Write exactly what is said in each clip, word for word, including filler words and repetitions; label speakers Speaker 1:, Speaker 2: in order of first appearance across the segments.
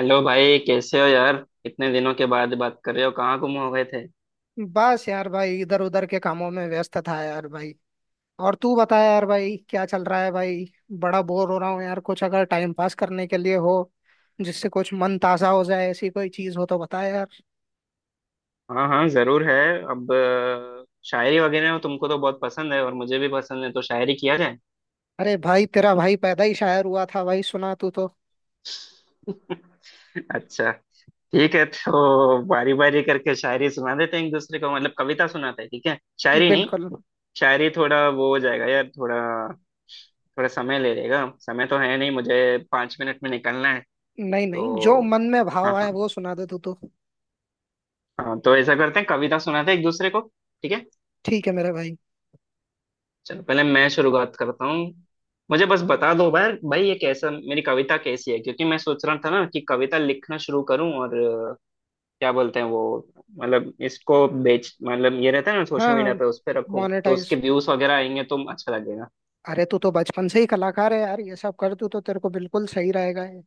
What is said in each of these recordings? Speaker 1: Hello भाई, कैसे हो यार। इतने दिनों के बाद बात कर रहे हो, कहाँ गुम हो गए थे?
Speaker 2: बस यार भाई इधर उधर के कामों में व्यस्त था यार भाई। और तू बता यार भाई क्या चल रहा है भाई। बड़ा बोर हो रहा हूँ यार कुछ अगर टाइम पास करने के लिए हो जिससे कुछ मन ताजा हो जाए ऐसी कोई चीज हो तो बता यार।
Speaker 1: हाँ हाँ, जरूर है। अब अ, शायरी वगैरह तुमको तो बहुत पसंद है और मुझे भी पसंद है, तो शायरी किया जाए।
Speaker 2: अरे भाई तेरा भाई पैदा ही शायर हुआ था भाई सुना तू तो।
Speaker 1: अच्छा। ठीक है, तो बारी बारी करके शायरी सुना देते हैं एक दूसरे को, मतलब कविता सुनाते हैं, ठीक है। शायरी नहीं।
Speaker 2: बिल्कुल।
Speaker 1: शायरी थोड़ा वो हो जाएगा यार, थोड़ा थोड़ा समय ले लेगा, समय तो है नहीं, मुझे पाँच मिनट में निकलना है।
Speaker 2: नहीं नहीं, जो
Speaker 1: तो
Speaker 2: मन में भाव
Speaker 1: हाँ
Speaker 2: आए
Speaker 1: हाँ।
Speaker 2: वो सुना दे तू तो।
Speaker 1: हाँ, तो ऐसा करते हैं, कविता सुनाते हैं एक दूसरे को। ठीक है।
Speaker 2: ठीक है मेरे भाई।
Speaker 1: चलो, पहले मैं शुरुआत करता हूँ। मुझे बस बता दो भाई, भाई ये कैसा, मेरी कविता कैसी है, क्योंकि मैं सोच रहा था ना कि कविता लिखना शुरू करूँ और अ, क्या बोलते हैं वो, मतलब इसको बेच मतलब ये रहता है ना सोशल
Speaker 2: हाँ
Speaker 1: मीडिया
Speaker 2: हाँ।
Speaker 1: पे, उस पर रखूँ तो उसके
Speaker 2: मोनेटाइज।
Speaker 1: व्यूज वगैरह आएंगे तो अच्छा लगेगा।
Speaker 2: अरे तू तो बचपन से ही कलाकार है यार, ये सब कर तू तो, तेरे को बिल्कुल सही रहेगा ये।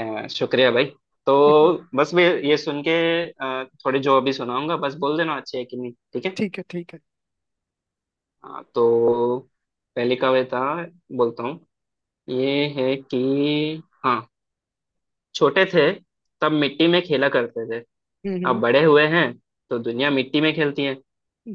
Speaker 1: अ, शुक्रिया भाई। तो बस मैं ये सुन के अ, थोड़े जो अभी सुनाऊंगा बस बोल देना अच्छी है कि नहीं, ठीक है।
Speaker 2: ठीक है ठीक है।
Speaker 1: हाँ, तो पहली कविता बोलता हूँ। ये है कि हाँ, छोटे थे तब मिट्टी में खेला करते थे,
Speaker 2: हम्म
Speaker 1: अब
Speaker 2: हम्म।
Speaker 1: बड़े हुए हैं तो दुनिया मिट्टी में खेलती है।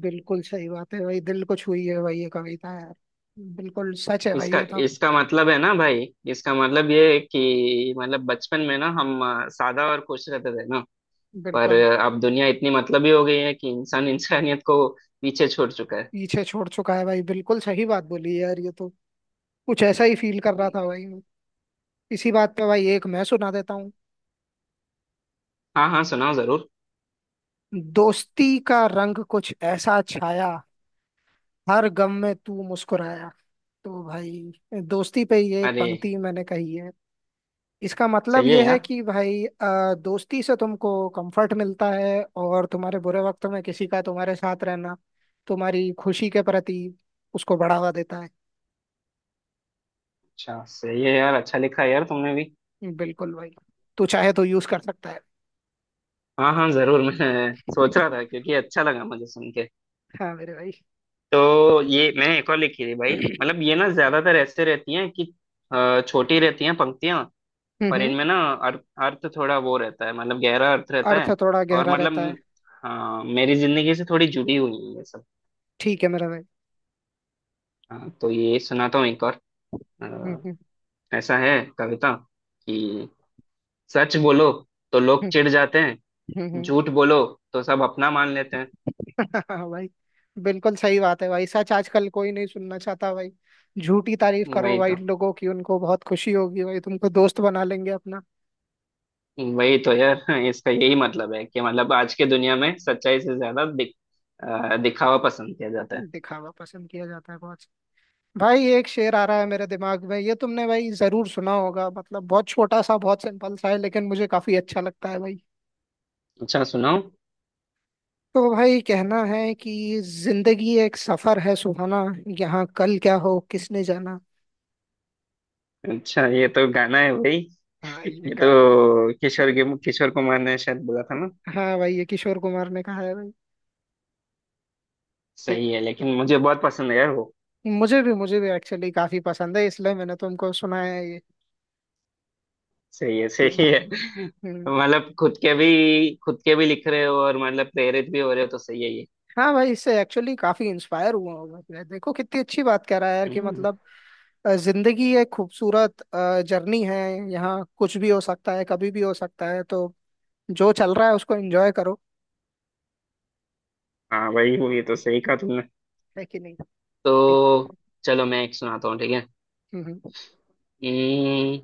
Speaker 2: बिल्कुल सही बात है भाई, दिल को छुई है भाई ये कविता यार। बिल्कुल सच है भाई
Speaker 1: इसका
Speaker 2: ये तो।
Speaker 1: इसका मतलब है ना भाई, इसका मतलब ये है कि मतलब बचपन में ना हम अ, सादा और खुश रहते थे ना, पर
Speaker 2: बिल्कुल।
Speaker 1: अ, अब दुनिया इतनी मतलबी हो गई है कि इंसान इंसानियत को पीछे छोड़ चुका है।
Speaker 2: पीछे छोड़ चुका है भाई, बिल्कुल सही बात बोली है यार ये तो। कुछ ऐसा ही फील कर रहा था भाई मैं। इसी बात पे भाई एक मैं सुना देता हूँ।
Speaker 1: हाँ हाँ सुनाओ जरूर।
Speaker 2: दोस्ती का रंग कुछ ऐसा छाया, हर गम में तू मुस्कुराया। तो भाई दोस्ती पे ये एक
Speaker 1: अरे,
Speaker 2: पंक्ति मैंने कही है। इसका मतलब
Speaker 1: सही है
Speaker 2: यह है
Speaker 1: यार।
Speaker 2: कि भाई अ, दोस्ती से तुमको कंफर्ट मिलता है और तुम्हारे बुरे वक्त में किसी का तुम्हारे साथ रहना तुम्हारी खुशी के प्रति उसको बढ़ावा देता है।
Speaker 1: अच्छा, सही है यार, अच्छा लिखा है यार तुमने भी।
Speaker 2: बिल्कुल भाई। तू चाहे तो यूज कर सकता है।
Speaker 1: हाँ हाँ जरूर, मैं सोच रहा था क्योंकि अच्छा लगा मुझे सुन के।
Speaker 2: हाँ मेरे भाई।
Speaker 1: तो ये मैंने एक और लिखी थी भाई, मतलब ये ना ज्यादातर ऐसे रहती हैं कि अ, छोटी रहती हैं पंक्तियां, पर
Speaker 2: हम्म।
Speaker 1: इनमें ना अर्थ अर्थ थोड़ा वो रहता है, मतलब गहरा अर्थ रहता
Speaker 2: अर्थ
Speaker 1: है।
Speaker 2: थोड़ा
Speaker 1: और
Speaker 2: गहरा
Speaker 1: मतलब
Speaker 2: रहता है।
Speaker 1: हाँ, मेरी जिंदगी से थोड़ी जुड़ी हुई है ये सब।
Speaker 2: ठीक है मेरा भाई।
Speaker 1: हाँ तो ये सुनाता हूँ एक और।
Speaker 2: हम्म हम्म।
Speaker 1: अ, ऐसा है कविता कि सच बोलो तो लोग
Speaker 2: हम्म
Speaker 1: चिढ़ जाते हैं,
Speaker 2: हम्म, हम्म।
Speaker 1: झूठ बोलो तो सब अपना मान लेते हैं।
Speaker 2: हाँ भाई। बिल्कुल सही बात है भाई, सच आजकल कोई नहीं सुनना चाहता भाई। झूठी तारीफ करो
Speaker 1: वही
Speaker 2: भाई
Speaker 1: तो,
Speaker 2: लोगों की, उनको बहुत खुशी होगी भाई, तुमको दोस्त बना लेंगे।
Speaker 1: वही तो यार। इसका यही मतलब है कि मतलब आज के दुनिया में सच्चाई से ज्यादा दिख, अ, दिखावा पसंद किया जाता है।
Speaker 2: दिखावा पसंद किया जाता है बहुत। भाई एक शेर आ रहा है मेरे दिमाग में, ये तुमने भाई जरूर सुना होगा, मतलब बहुत छोटा सा बहुत सिंपल सा है लेकिन मुझे काफी अच्छा लगता है भाई।
Speaker 1: अच्छा सुनाओ।
Speaker 2: तो भाई कहना है कि जिंदगी एक सफर है सुहाना, यहाँ कल क्या हो किसने जाना।
Speaker 1: अच्छा, ये तो गाना है भाई।
Speaker 2: हाँ ये
Speaker 1: ये
Speaker 2: गा।
Speaker 1: तो किशोर के किशोर कुमार ने शायद बोला था ना।
Speaker 2: हाँ भाई ये किशोर कुमार ने कहा है भाई। ये
Speaker 1: सही है, लेकिन मुझे बहुत पसंद है यार वो।
Speaker 2: मुझे भी, मुझे भी एक्चुअली काफी पसंद है, इसलिए मैंने तुमको सुनाया है ये।
Speaker 1: सही है
Speaker 2: कि-
Speaker 1: सही है।
Speaker 2: हम्म।
Speaker 1: मतलब खुद के भी खुद के भी लिख रहे हो और मतलब प्रेरित भी हो रहे हो, तो सही है ये।
Speaker 2: हाँ भाई इससे एक्चुअली काफी इंस्पायर हुआ होगा मैं। देखो कितनी अच्छी बात कह रहा है यार कि
Speaker 1: हम्म।
Speaker 2: मतलब अ, जिंदगी एक खूबसूरत जर्नी है, यहाँ कुछ भी हो सकता है कभी भी हो सकता है, तो जो चल रहा है उसको एंजॉय करो।
Speaker 1: हाँ भाई वो, ये तो सही कहा तुमने।
Speaker 2: है कि नहीं। एक,
Speaker 1: तो चलो मैं एक सुनाता हूँ, ठीक है।
Speaker 2: हम्म हम्म।
Speaker 1: हम्म,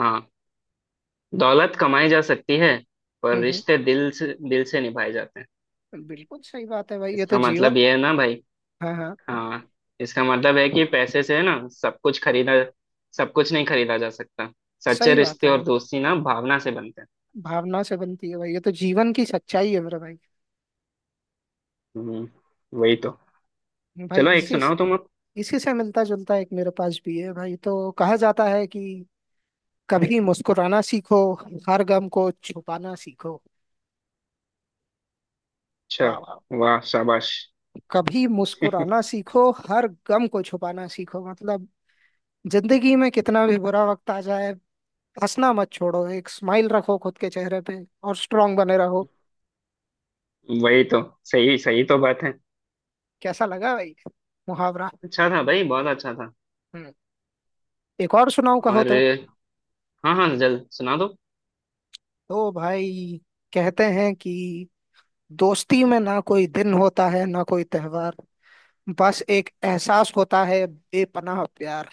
Speaker 1: हाँ, दौलत कमाई जा सकती है पर
Speaker 2: हम्म,
Speaker 1: रिश्ते दिल से दिल से निभाए जाते हैं।
Speaker 2: हम्म। बिल्कुल सही बात है भाई ये तो
Speaker 1: इसका
Speaker 2: जीवन।
Speaker 1: मतलब ये है ना भाई।
Speaker 2: हाँ हाँ।
Speaker 1: हाँ। इसका मतलब है कि पैसे से ना सब कुछ खरीदा सब कुछ नहीं खरीदा जा सकता, सच्चे
Speaker 2: सही बात
Speaker 1: रिश्ते
Speaker 2: है भाई,
Speaker 1: और दोस्ती ना भावना से बनते हैं।
Speaker 2: भावना से बनती है भाई, ये तो जीवन की सच्चाई है मेरा भाई।
Speaker 1: हम्म, वही तो।
Speaker 2: भाई
Speaker 1: चलो एक
Speaker 2: इसी
Speaker 1: सुनाओ तुम अब।
Speaker 2: इसी से मिलता जुलता एक मेरे पास भी है भाई, तो कहा जाता है कि कभी मुस्कुराना सीखो, हर गम को छुपाना सीखो।
Speaker 1: अच्छा,
Speaker 2: वाह वाह।
Speaker 1: वाह शाबाश।
Speaker 2: कभी मुस्कुराना सीखो हर गम को छुपाना सीखो मतलब जिंदगी में कितना भी बुरा वक्त आ जाए हंसना मत छोड़ो, एक स्माइल रखो खुद के चेहरे पे और स्ट्रांग बने रहो।
Speaker 1: वही तो। सही सही तो बात है।
Speaker 2: कैसा लगा भाई मुहावरा।
Speaker 1: अच्छा था भाई, बहुत अच्छा था।
Speaker 2: हम्म। एक और सुनाऊं कहो
Speaker 1: और
Speaker 2: तो।
Speaker 1: हाँ हाँ, जल्द सुना दो।
Speaker 2: तो भाई कहते हैं कि दोस्ती में ना कोई दिन होता है ना कोई त्योहार, बस एक एहसास होता है बेपनाह प्यार।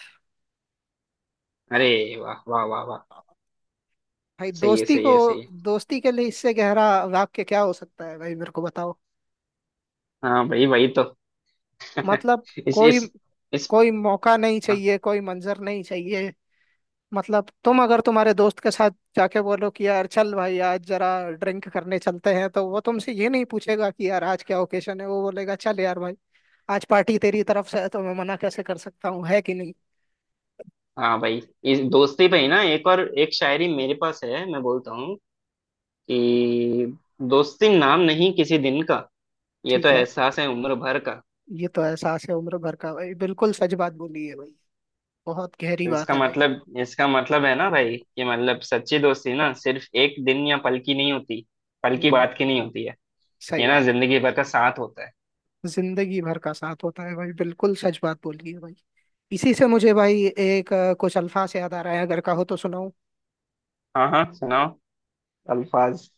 Speaker 2: वाह,
Speaker 1: अरे,
Speaker 2: वाह,
Speaker 1: वाह वाह वाह वाह।
Speaker 2: वाह। भाई
Speaker 1: सही है
Speaker 2: दोस्ती
Speaker 1: सही
Speaker 2: को,
Speaker 1: है सही है।
Speaker 2: दोस्ती के लिए इससे गहरा वाक्य क्या हो सकता है भाई मेरे को बताओ।
Speaker 1: हाँ भाई वही तो।
Speaker 2: मतलब
Speaker 1: इस
Speaker 2: कोई,
Speaker 1: इस इस
Speaker 2: कोई मौका नहीं चाहिए, कोई मंजर नहीं चाहिए। मतलब तुम अगर तुम्हारे दोस्त के साथ जाके बोलो कि यार चल भाई आज जरा ड्रिंक करने चलते हैं, तो वो तुमसे ये नहीं पूछेगा कि यार आज क्या ओकेशन है, वो बोलेगा चल यार भाई आज पार्टी तेरी तरफ से है तो मैं मना कैसे कर सकता हूँ। है कि नहीं।
Speaker 1: हाँ भाई, इस दोस्ती पे ही ना एक और एक शायरी मेरे पास है, मैं बोलता हूँ कि दोस्ती नाम नहीं किसी दिन का, ये तो
Speaker 2: ठीक है,
Speaker 1: एहसास है उम्र भर का।
Speaker 2: ये तो एहसास है उम्र भर का भाई, बिल्कुल सच बात बोली है भाई। बहुत गहरी
Speaker 1: तो
Speaker 2: बात
Speaker 1: इसका
Speaker 2: है भाई।
Speaker 1: मतलब इसका मतलब है ना भाई कि मतलब सच्ची दोस्ती ना सिर्फ एक दिन या पल की नहीं होती पल
Speaker 2: हम्म
Speaker 1: की
Speaker 2: हम्म,
Speaker 1: बात की नहीं होती है, ये
Speaker 2: सही
Speaker 1: ना
Speaker 2: बात
Speaker 1: जिंदगी भर का साथ होता है।
Speaker 2: है। जिंदगी भर का साथ होता है भाई, बिल्कुल सच बात बोली है भाई। इसी से मुझे भाई एक अ, कुछ अल्फाज याद आ रहा है, अगर कहो तो सुनाऊं।
Speaker 1: हाँ हाँ सुनाओ। अल्फाज।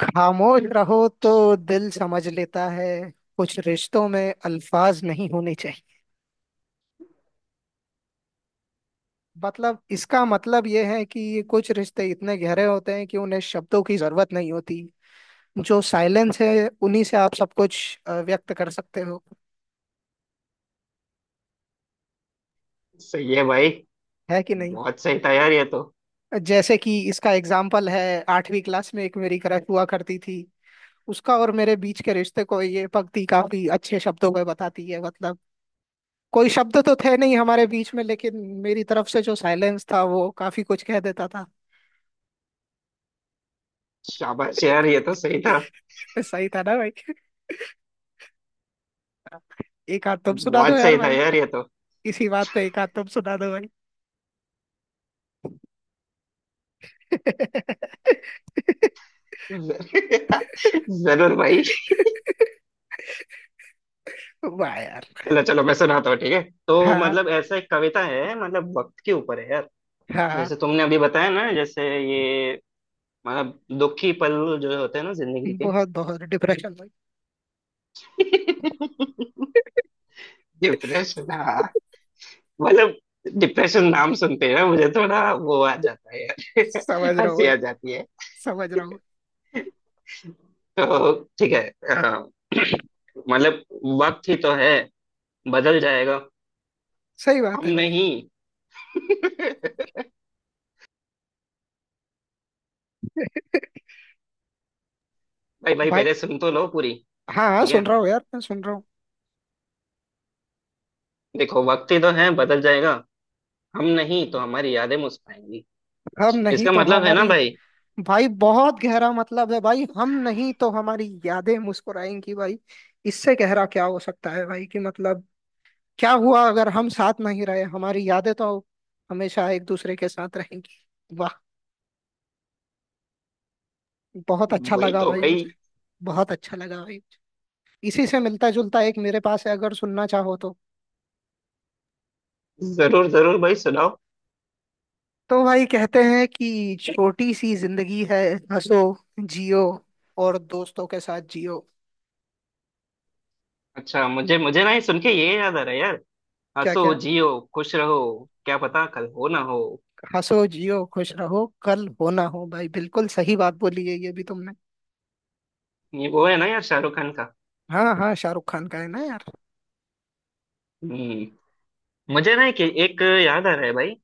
Speaker 2: खामोश रहो तो दिल समझ लेता है, कुछ रिश्तों में अल्फाज नहीं होने चाहिए। मतलब इसका मतलब ये है कि कुछ रिश्ते इतने गहरे होते हैं कि उन्हें शब्दों की जरूरत नहीं होती। जो साइलेंस है उन्हीं से आप सब कुछ अ, व्यक्त कर सकते हो।
Speaker 1: सही है भाई।
Speaker 2: है कि नहीं।
Speaker 1: बहुत सही था यार ये तो।
Speaker 2: जैसे कि इसका एग्जाम्पल है, आठवीं क्लास में एक मेरी क्रश हुआ करती थी। उसका और मेरे बीच के रिश्ते को ये पंक्ति काफी अच्छे शब्दों में बताती है, मतलब कोई शब्द तो थे नहीं हमारे बीच में लेकिन मेरी तरफ से जो साइलेंस था वो काफी कुछ कह देता था।
Speaker 1: शाबाश यार ये तो सही था।
Speaker 2: सही था ना भाई। एक हाथ तुम सुना दो
Speaker 1: बहुत
Speaker 2: यार
Speaker 1: सही था
Speaker 2: भाई।
Speaker 1: यार ये तो।
Speaker 2: इसी बात पे एक हाथ तुम सुना दो भाई।
Speaker 1: जरूर जरूर भाई।
Speaker 2: वाह यार।
Speaker 1: चलो चलो मैं सुनाता हूँ, ठीक है। तो
Speaker 2: हाँ
Speaker 1: मतलब ऐसा एक कविता है, मतलब वक्त के ऊपर है यार।
Speaker 2: हाँ।
Speaker 1: जैसे तुमने अभी बताया ना, जैसे ये, मतलब दुखी पल जो होते हैं ना जिंदगी के।
Speaker 2: बहुत बहुत डिप्रेशन भाई।
Speaker 1: डिप्रेशन हाँ। मतलब डिप्रेशन नाम सुनते हैं मुझे थोड़ा वो आ जाता है यार,
Speaker 2: समझ रहा हूँ
Speaker 1: हंसी
Speaker 2: भाई,
Speaker 1: आ जाती है।
Speaker 2: समझ रहा हूँ।
Speaker 1: तो ठीक है। अ, मतलब वक्त ही तो है बदल जाएगा,
Speaker 2: सही बात
Speaker 1: हम
Speaker 2: है भाई।
Speaker 1: नहीं। भाई, भाई
Speaker 2: भाई,
Speaker 1: पहले सुन तो लो पूरी।
Speaker 2: हाँ हाँ,
Speaker 1: ठीक
Speaker 2: सुन
Speaker 1: है,
Speaker 2: रहा हूँ यार मैं, सुन रहा हूँ।
Speaker 1: देखो वक्त ही तो है बदल जाएगा, हम नहीं तो हमारी यादें मुस्कुराएंगी।
Speaker 2: हम नहीं
Speaker 1: इसका
Speaker 2: तो
Speaker 1: मतलब है ना
Speaker 2: हमारी।
Speaker 1: भाई।
Speaker 2: भाई बहुत गहरा मतलब है भाई, हम नहीं तो हमारी यादें मुस्कुराएंगी भाई। इससे गहरा क्या हो सकता है भाई कि मतलब क्या हुआ अगर हम साथ नहीं रहे, हमारी यादें तो हमेशा एक दूसरे के साथ रहेंगी। वाह। बहुत अच्छा
Speaker 1: वही
Speaker 2: लगा
Speaker 1: तो
Speaker 2: भाई मुझे।
Speaker 1: भाई।
Speaker 2: बहुत अच्छा लगा भाई। इसी से मिलता जुलता एक मेरे पास है, अगर सुनना चाहो तो।
Speaker 1: जरूर जरूर भाई, सुनाओ।
Speaker 2: तो भाई कहते हैं कि छोटी सी जिंदगी है, हंसो, जियो, और दोस्तों के साथ जियो।
Speaker 1: अच्छा, मुझे मुझे ना ये सुन के ये याद आ रहा है यार,
Speaker 2: क्या
Speaker 1: हंसो
Speaker 2: क्या।
Speaker 1: जियो खुश रहो, क्या पता कल हो ना हो।
Speaker 2: हंसो जियो खुश रहो कल हो ना हो, भाई बिल्कुल सही बात बोली है ये भी तुमने।
Speaker 1: ये वो है ना यार, शाहरुख खान का।
Speaker 2: हाँ हाँ, शाहरुख खान का है ना यार।
Speaker 1: हम्म। मुझे ना एक, एक याद आ रहा है भाई,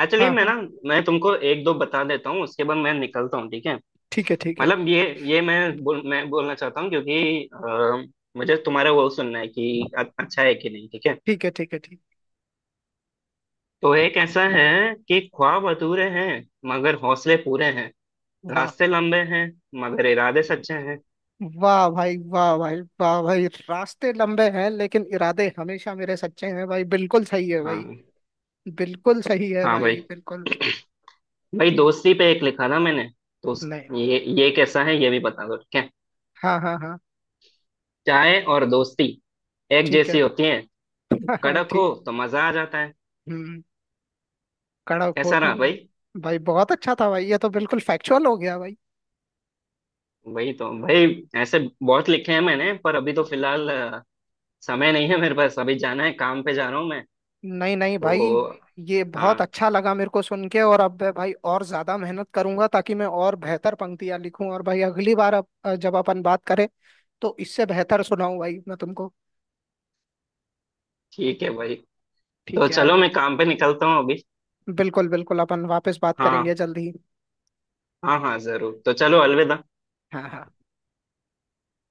Speaker 1: एक्चुअली
Speaker 2: हाँ
Speaker 1: मैं ना,
Speaker 2: हाँ।
Speaker 1: मैं तुमको एक दो बता देता हूँ उसके बाद मैं निकलता हूँ, ठीक है।
Speaker 2: ठीक है ठीक है,
Speaker 1: मतलब ये ये मैं बोल मैं बोलना चाहता हूँ, क्योंकि अ, मुझे तुम्हारा वो सुनना है कि अ- अच्छा है कि नहीं, ठीक है।
Speaker 2: ठीक है ठीक है ठीक।
Speaker 1: तो एक ऐसा है कि ख्वाब अधूरे हैं मगर हौसले पूरे हैं,
Speaker 2: वाह
Speaker 1: रास्ते लंबे हैं मगर इरादे सच्चे हैं।
Speaker 2: वाह भाई, वाह भाई, वाह भाई, रास्ते लंबे हैं लेकिन इरादे हमेशा मेरे सच्चे हैं भाई, बिल्कुल सही है भाई।
Speaker 1: हाँ।
Speaker 2: बिल्कुल सही है
Speaker 1: हाँ
Speaker 2: भाई,
Speaker 1: भाई।
Speaker 2: बिल्कुल।
Speaker 1: भाई, दोस्ती पे एक लिखा था मैंने, तो उस,
Speaker 2: नहीं।
Speaker 1: ये ये कैसा है ये भी बता दो, ठीक है।
Speaker 2: हाँ हाँ हाँ।
Speaker 1: चाय और दोस्ती एक
Speaker 2: ठीक है।
Speaker 1: जैसी होती है,
Speaker 2: हाँ हाँ
Speaker 1: कड़क
Speaker 2: ठीक।
Speaker 1: हो तो मजा आ जाता है।
Speaker 2: हम्म। कड़क हो
Speaker 1: कैसा रहा
Speaker 2: तुम।
Speaker 1: भाई?
Speaker 2: भाई बहुत अच्छा था भाई ये तो, बिल्कुल फैक्चुअल हो गया भाई।
Speaker 1: वही तो भाई। ऐसे बहुत लिखे हैं मैंने पर अभी तो फिलहाल अ, समय नहीं है मेरे पास, अभी जाना है, काम पे जा रहा हूँ मैं।
Speaker 2: नहीं नहीं भाई,
Speaker 1: तो
Speaker 2: ये बहुत
Speaker 1: हाँ,
Speaker 2: अच्छा लगा मेरे को सुन के, और अब मैं भाई और ज्यादा मेहनत करूंगा ताकि मैं और बेहतर पंक्तियां लिखूं, और भाई अगली बार अब अ, जब अपन बात करें तो इससे बेहतर सुनाऊं भाई मैं तुमको।
Speaker 1: ठीक है भाई। तो
Speaker 2: ठीक है यार।
Speaker 1: चलो मैं काम पे निकलता हूँ अभी।
Speaker 2: बिल्कुल बिल्कुल, अपन वापस बात
Speaker 1: हाँ
Speaker 2: करेंगे जल्दी ही।
Speaker 1: हाँ हाँ जरूर, तो चलो अलविदा।
Speaker 2: हाँ हाँ।